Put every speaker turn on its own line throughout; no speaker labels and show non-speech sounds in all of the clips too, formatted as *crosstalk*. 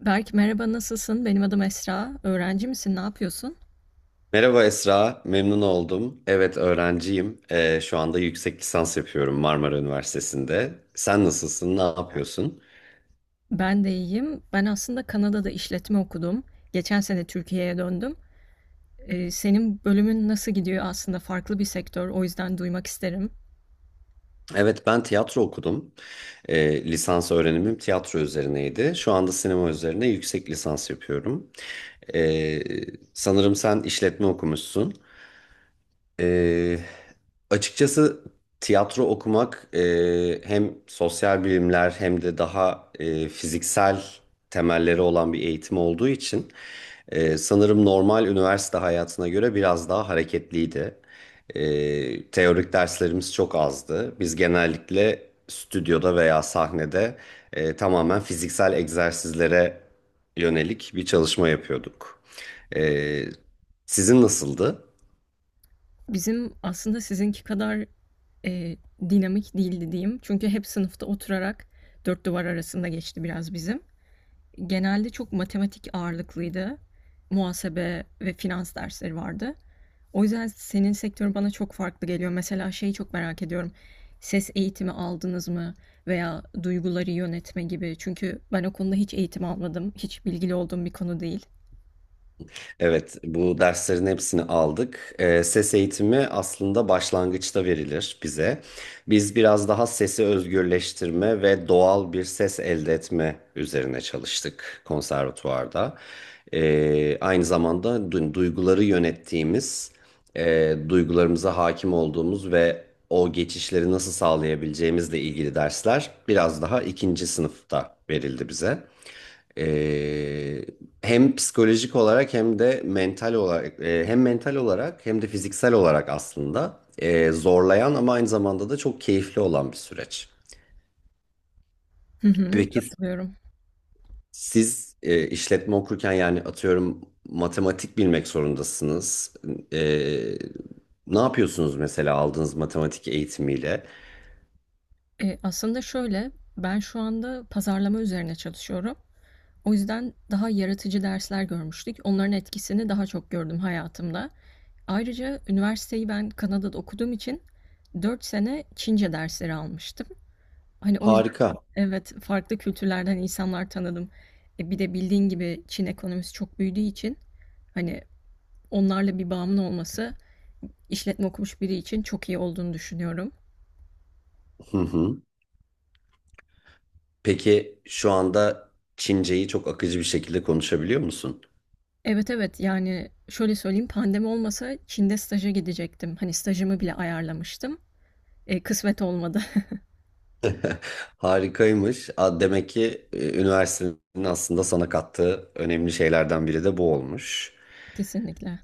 Berk merhaba, nasılsın? Benim adım Esra. Öğrenci misin? Ne yapıyorsun?
Merhaba Esra, memnun oldum. Evet öğrenciyim. Şu anda yüksek lisans yapıyorum Marmara Üniversitesi'nde. Sen nasılsın, ne yapıyorsun?
Ben de iyiyim. Ben aslında Kanada'da işletme okudum. Geçen sene Türkiye'ye döndüm. Senin bölümün nasıl gidiyor? Aslında farklı bir sektör. O yüzden duymak isterim.
Evet ben tiyatro okudum. Lisans öğrenimim tiyatro üzerineydi. Şu anda sinema üzerine yüksek lisans yapıyorum. Ee, Sanırım sen işletme okumuşsun. Ee, Açıkçası tiyatro okumak hem sosyal bilimler hem de daha fiziksel temelleri olan bir eğitim olduğu için sanırım normal üniversite hayatına göre biraz daha hareketliydi. Teorik derslerimiz çok azdı. Biz genellikle stüdyoda veya sahnede tamamen fiziksel egzersizlere yönelik bir çalışma yapıyorduk. E, Sizin nasıldı?
Bizim aslında sizinki kadar e, dinamik değildi diyeyim. Çünkü hep sınıfta oturarak dört duvar arasında geçti biraz bizim. Genelde çok matematik ağırlıklıydı. Muhasebe ve finans dersleri vardı. O yüzden senin sektörün bana çok farklı geliyor. Mesela şeyi çok merak ediyorum. Ses eğitimi aldınız mı veya duyguları yönetme gibi. Çünkü ben o konuda hiç eğitim almadım. Hiç bilgili olduğum bir konu değil.
Evet, bu derslerin hepsini aldık. Ses eğitimi aslında başlangıçta verilir bize. Biz biraz daha sesi özgürleştirme ve doğal bir ses elde etme üzerine çalıştık konservatuvarda. Aynı zamanda duyguları yönettiğimiz, duygularımıza hakim olduğumuz ve o geçişleri nasıl sağlayabileceğimizle ilgili dersler biraz daha ikinci sınıfta verildi bize. Ee, Hem psikolojik olarak hem de mental olarak hem de fiziksel olarak aslında zorlayan ama aynı zamanda da çok keyifli olan bir süreç.
Hı hı,
Peki
katılıyorum.
siz işletme okurken yani atıyorum matematik bilmek zorundasınız. E, Ne yapıyorsunuz mesela aldığınız matematik eğitimiyle?
Aslında şöyle, ben şu anda pazarlama üzerine çalışıyorum. O yüzden daha yaratıcı dersler görmüştük. Onların etkisini daha çok gördüm hayatımda. Ayrıca üniversiteyi ben Kanada'da okuduğum için 4 sene Çince dersleri almıştım. Hani o
Harika.
evet, farklı kültürlerden insanlar tanıdım. Bir de bildiğin gibi Çin ekonomisi çok büyüdüğü için, hani, onlarla bir bağımın olması işletme okumuş biri için çok iyi olduğunu düşünüyorum.
Hı hı. Peki şu anda Çince'yi çok akıcı bir şekilde konuşabiliyor musun?
Evet, evet, yani şöyle söyleyeyim, pandemi olmasa Çin'de staja gidecektim. Hani stajımı bile ayarlamıştım. Kısmet olmadı.
Harikaymış. A, demek ki üniversitenin aslında sana kattığı önemli şeylerden biri de bu olmuş.
*laughs* Kesinlikle.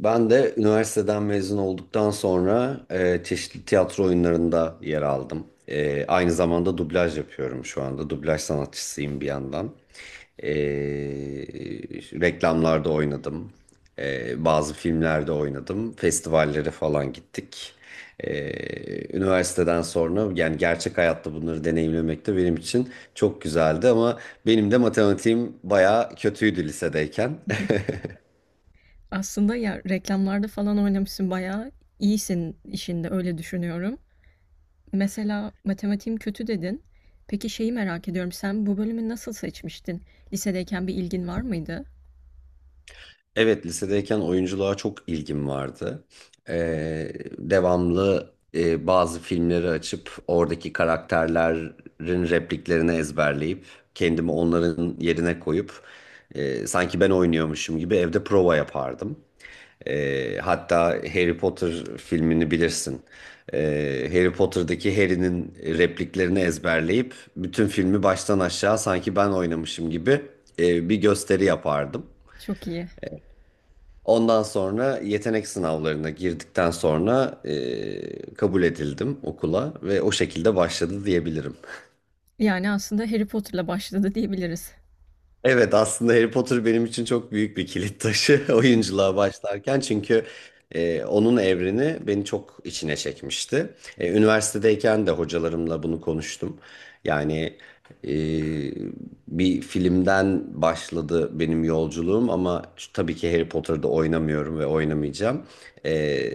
Ben de üniversiteden mezun olduktan sonra çeşitli tiyatro oyunlarında yer aldım. Aynı zamanda dublaj yapıyorum şu anda. Dublaj sanatçısıyım bir yandan. E, Reklamlarda oynadım. Bazı filmlerde oynadım. Festivallere falan gittik. E, Üniversiteden sonra yani gerçek hayatta bunları deneyimlemek de benim için çok güzeldi ama benim de matematiğim bayağı kötüydü lisedeyken.
*laughs*
*laughs*
Aslında ya, reklamlarda falan oynamışsın, bayağı iyisin işinde, öyle düşünüyorum. Mesela matematiğim kötü dedin. Peki şeyi merak ediyorum. Sen bu bölümü nasıl seçmiştin? Lisedeyken bir ilgin var mıydı?
Evet, lisedeyken oyunculuğa çok ilgim vardı. Ee, Devamlı bazı filmleri açıp oradaki karakterlerin repliklerini ezberleyip kendimi onların yerine koyup sanki ben oynuyormuşum gibi evde prova yapardım. Hatta Harry Potter filmini bilirsin. Harry Potter'daki Harry'nin repliklerini ezberleyip bütün filmi baştan aşağı sanki ben oynamışım gibi bir gösteri yapardım.
Çok iyi.
Ondan sonra yetenek sınavlarına girdikten sonra kabul edildim okula ve o şekilde başladı diyebilirim.
Yani aslında Harry Potter'la başladı diyebiliriz.
Evet, aslında Harry Potter benim için çok büyük bir kilit taşı *laughs* oyunculuğa başlarken çünkü onun evreni beni çok içine çekmişti. Üniversitedeyken de hocalarımla bunu konuştum. Yani e, bir filmden başladı benim yolculuğum ama tabii ki Harry Potter'da oynamıyorum ve oynamayacağım. E,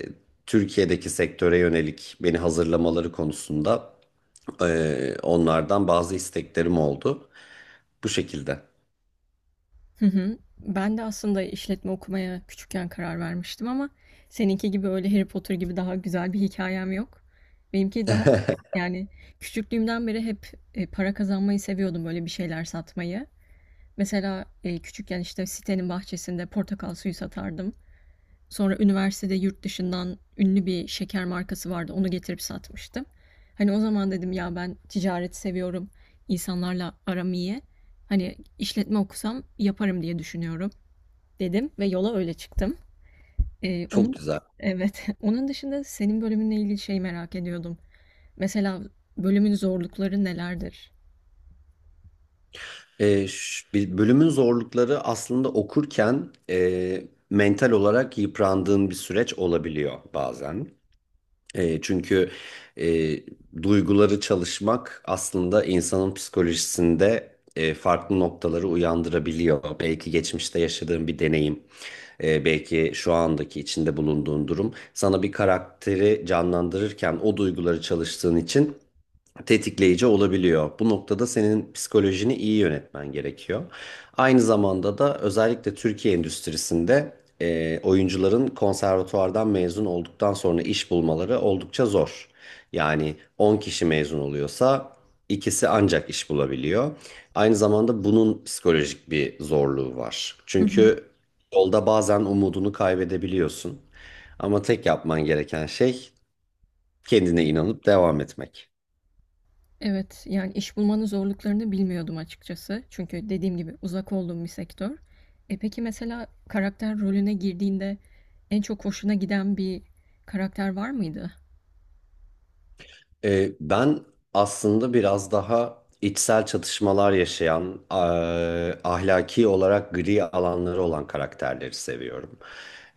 Türkiye'deki sektöre yönelik beni hazırlamaları konusunda e, onlardan bazı isteklerim oldu. Bu şekilde.
Hı hı. Ben de aslında işletme okumaya küçükken karar vermiştim ama seninki gibi öyle Harry Potter gibi daha güzel bir hikayem yok. Benimki daha, yani, küçüklüğümden beri hep para kazanmayı seviyordum, böyle bir şeyler satmayı. Mesela küçükken işte sitenin bahçesinde portakal suyu satardım. Sonra üniversitede yurt dışından ünlü bir şeker markası vardı. Onu getirip satmıştım. Hani o zaman dedim ya, ben ticareti seviyorum, insanlarla aram iyi. Hani işletme okusam yaparım diye düşünüyorum dedim ve yola öyle çıktım.
Çok
Onun
güzel.
evet. *laughs* Onun dışında senin bölümünle ilgili şey merak ediyordum. Mesela bölümün zorlukları nelerdir?
Bir bölümün zorlukları aslında okurken mental olarak yıprandığın bir süreç olabiliyor bazen. Çünkü e, duyguları çalışmak aslında insanın psikolojisinde farklı noktaları uyandırabiliyor. Belki geçmişte yaşadığın bir deneyim, belki şu andaki içinde bulunduğun durum sana bir karakteri canlandırırken o duyguları çalıştığın için tetikleyici olabiliyor. Bu noktada senin psikolojini iyi yönetmen gerekiyor. Aynı zamanda da özellikle Türkiye endüstrisinde oyuncuların konservatuvardan mezun olduktan sonra iş bulmaları oldukça zor. Yani 10 kişi mezun oluyorsa ikisi ancak iş bulabiliyor. Aynı zamanda bunun psikolojik bir zorluğu var. Çünkü yolda bazen umudunu kaybedebiliyorsun. Ama tek yapman gereken şey kendine inanıp devam etmek.
Evet, yani iş bulmanın zorluklarını bilmiyordum açıkçası. Çünkü dediğim gibi uzak olduğum bir sektör. Peki mesela karakter rolüne girdiğinde en çok hoşuna giden bir karakter var mıydı?
Ben aslında biraz daha içsel çatışmalar yaşayan, ahlaki olarak gri alanları olan karakterleri seviyorum.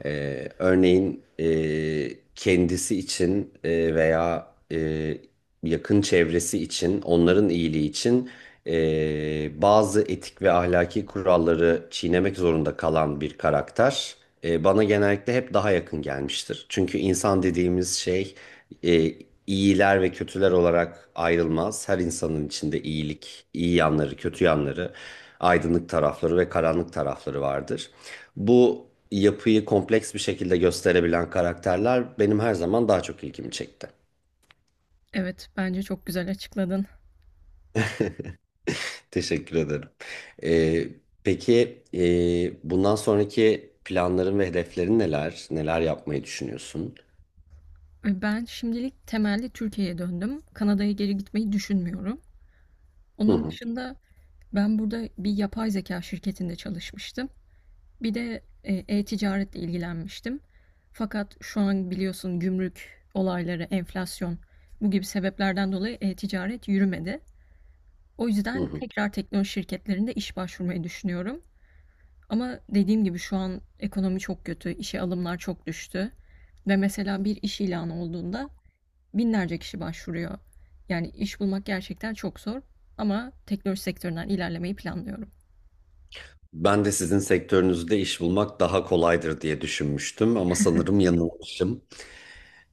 Örneğin kendisi için veya yakın çevresi için, onların iyiliği için bazı etik ve ahlaki kuralları çiğnemek zorunda kalan bir karakter. Bana genellikle hep daha yakın gelmiştir. Çünkü insan dediğimiz şey e, iyiler ve kötüler olarak ayrılmaz. Her insanın içinde iyilik, iyi yanları, kötü yanları, aydınlık tarafları ve karanlık tarafları vardır. Bu yapıyı kompleks bir şekilde gösterebilen karakterler benim her zaman daha çok ilgimi çekti.
Evet, bence çok güzel açıkladın.
Teşekkür ederim. E, peki bundan sonraki planların ve hedeflerin neler? Neler yapmayı düşünüyorsun?
Ben şimdilik temelli Türkiye'ye döndüm. Kanada'ya geri gitmeyi düşünmüyorum.
Hı
Onun
hı.
dışında ben burada bir yapay zeka şirketinde çalışmıştım. Bir de ticaretle ilgilenmiştim. Fakat şu an biliyorsun, gümrük olayları, enflasyon, bu gibi sebeplerden dolayı e-ticaret yürümedi. O
Hı
yüzden
hı.
tekrar teknoloji şirketlerinde iş başvurmayı düşünüyorum. Ama dediğim gibi şu an ekonomi çok kötü, işe alımlar çok düştü. Ve mesela bir iş ilanı olduğunda binlerce kişi başvuruyor. Yani iş bulmak gerçekten çok zor ama teknoloji sektöründen ilerlemeyi planlıyorum.
Ben de sizin sektörünüzde iş bulmak daha kolaydır diye düşünmüştüm ama sanırım yanılmışım.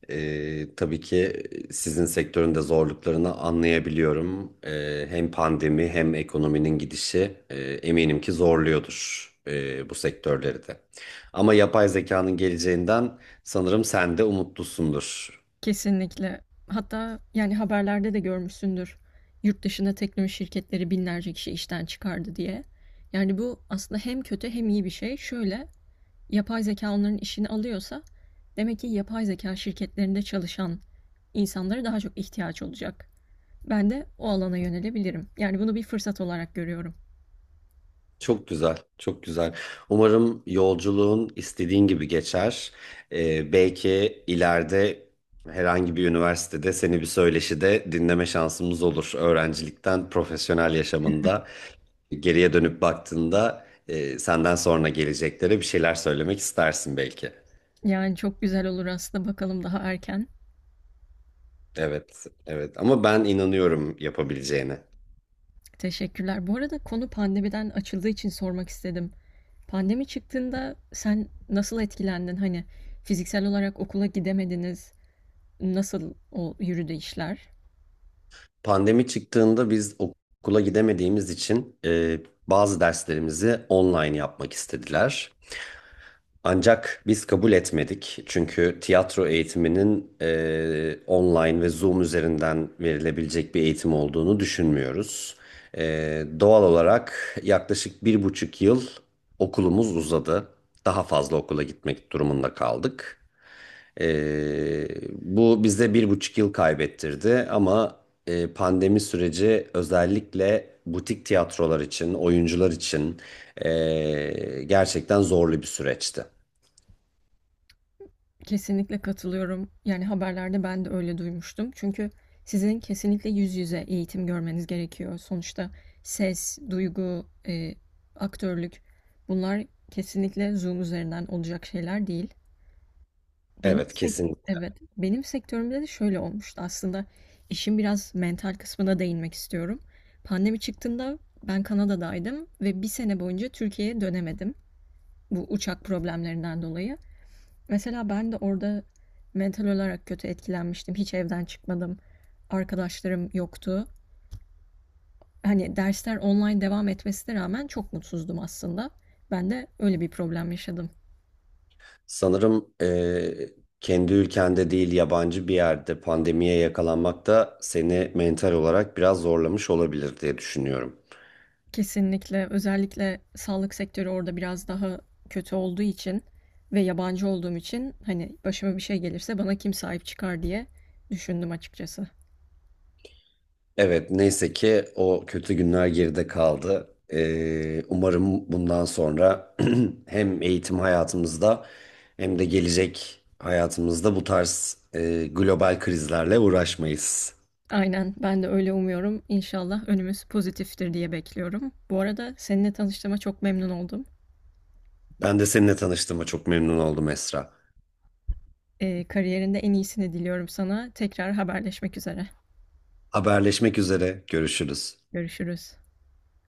Tabii ki sizin sektörün de zorluklarını anlayabiliyorum. Hem pandemi hem ekonominin gidişi eminim ki zorluyordur bu sektörleri de. Ama yapay zekanın geleceğinden sanırım sen de umutlusundur.
Kesinlikle. Hatta yani haberlerde de görmüşsündür. Yurt dışında teknoloji şirketleri binlerce kişi işten çıkardı diye. Yani bu aslında hem kötü hem iyi bir şey. Şöyle, yapay zeka onların işini alıyorsa demek ki yapay zeka şirketlerinde çalışan insanlara daha çok ihtiyaç olacak. Ben de o alana yönelebilirim. Yani bunu bir fırsat olarak görüyorum.
Çok güzel, çok güzel. Umarım yolculuğun istediğin gibi geçer. Belki ileride herhangi bir üniversitede seni bir söyleşide dinleme şansımız olur. Öğrencilikten profesyonel yaşamında geriye dönüp baktığında senden sonra geleceklere bir şeyler söylemek istersin belki.
Yani çok güzel olur aslında, bakalım, daha erken.
Evet, evet. Ama ben inanıyorum yapabileceğine.
Teşekkürler. Bu arada konu pandemiden açıldığı için sormak istedim. Pandemi çıktığında sen nasıl etkilendin? Hani fiziksel olarak okula gidemediniz. Nasıl o yürüdü işler?
Pandemi çıktığında biz okula gidemediğimiz için bazı derslerimizi online yapmak istediler. Ancak biz kabul etmedik. Çünkü tiyatro eğitiminin online ve Zoom üzerinden verilebilecek bir eğitim olduğunu düşünmüyoruz. E, Doğal olarak yaklaşık bir buçuk yıl okulumuz uzadı. Daha fazla okula gitmek durumunda kaldık. E, Bu bize bir buçuk yıl kaybettirdi ama pandemi süreci özellikle butik tiyatrolar için, oyuncular için gerçekten zorlu bir süreçti.
Kesinlikle katılıyorum. Yani haberlerde ben de öyle duymuştum. Çünkü sizin kesinlikle yüz yüze eğitim görmeniz gerekiyor. Sonuçta ses, duygu, aktörlük, bunlar kesinlikle Zoom üzerinden olacak şeyler değil.
Evet, kesin.
Evet, benim sektörümde de şöyle olmuştu aslında. İşin biraz mental kısmına değinmek istiyorum. Pandemi çıktığında ben Kanada'daydım ve bir sene boyunca Türkiye'ye dönemedim, bu uçak problemlerinden dolayı. Mesela ben de orada mental olarak kötü etkilenmiştim. Hiç evden çıkmadım. Arkadaşlarım yoktu. Hani dersler online devam etmesine rağmen çok mutsuzdum aslında. Ben de öyle bir problem yaşadım.
Sanırım kendi ülkende değil yabancı bir yerde pandemiye yakalanmak da seni mental olarak biraz zorlamış olabilir diye düşünüyorum.
Kesinlikle. Özellikle sağlık sektörü orada biraz daha kötü olduğu için ve yabancı olduğum için, hani başıma bir şey gelirse bana kim sahip çıkar diye düşündüm açıkçası.
Evet, neyse ki o kötü günler geride kaldı. Umarım bundan sonra *clears throat* hem eğitim hayatımızda hem de gelecek hayatımızda bu tarz global krizlerle uğraşmayız.
Aynen, ben de öyle umuyorum. İnşallah önümüz pozitiftir diye bekliyorum. Bu arada seninle tanıştığıma çok memnun oldum.
Ben de seninle tanıştığıma çok memnun oldum Esra.
Kariyerinde en iyisini diliyorum sana. Tekrar haberleşmek üzere.
Haberleşmek üzere, görüşürüz.
Görüşürüz.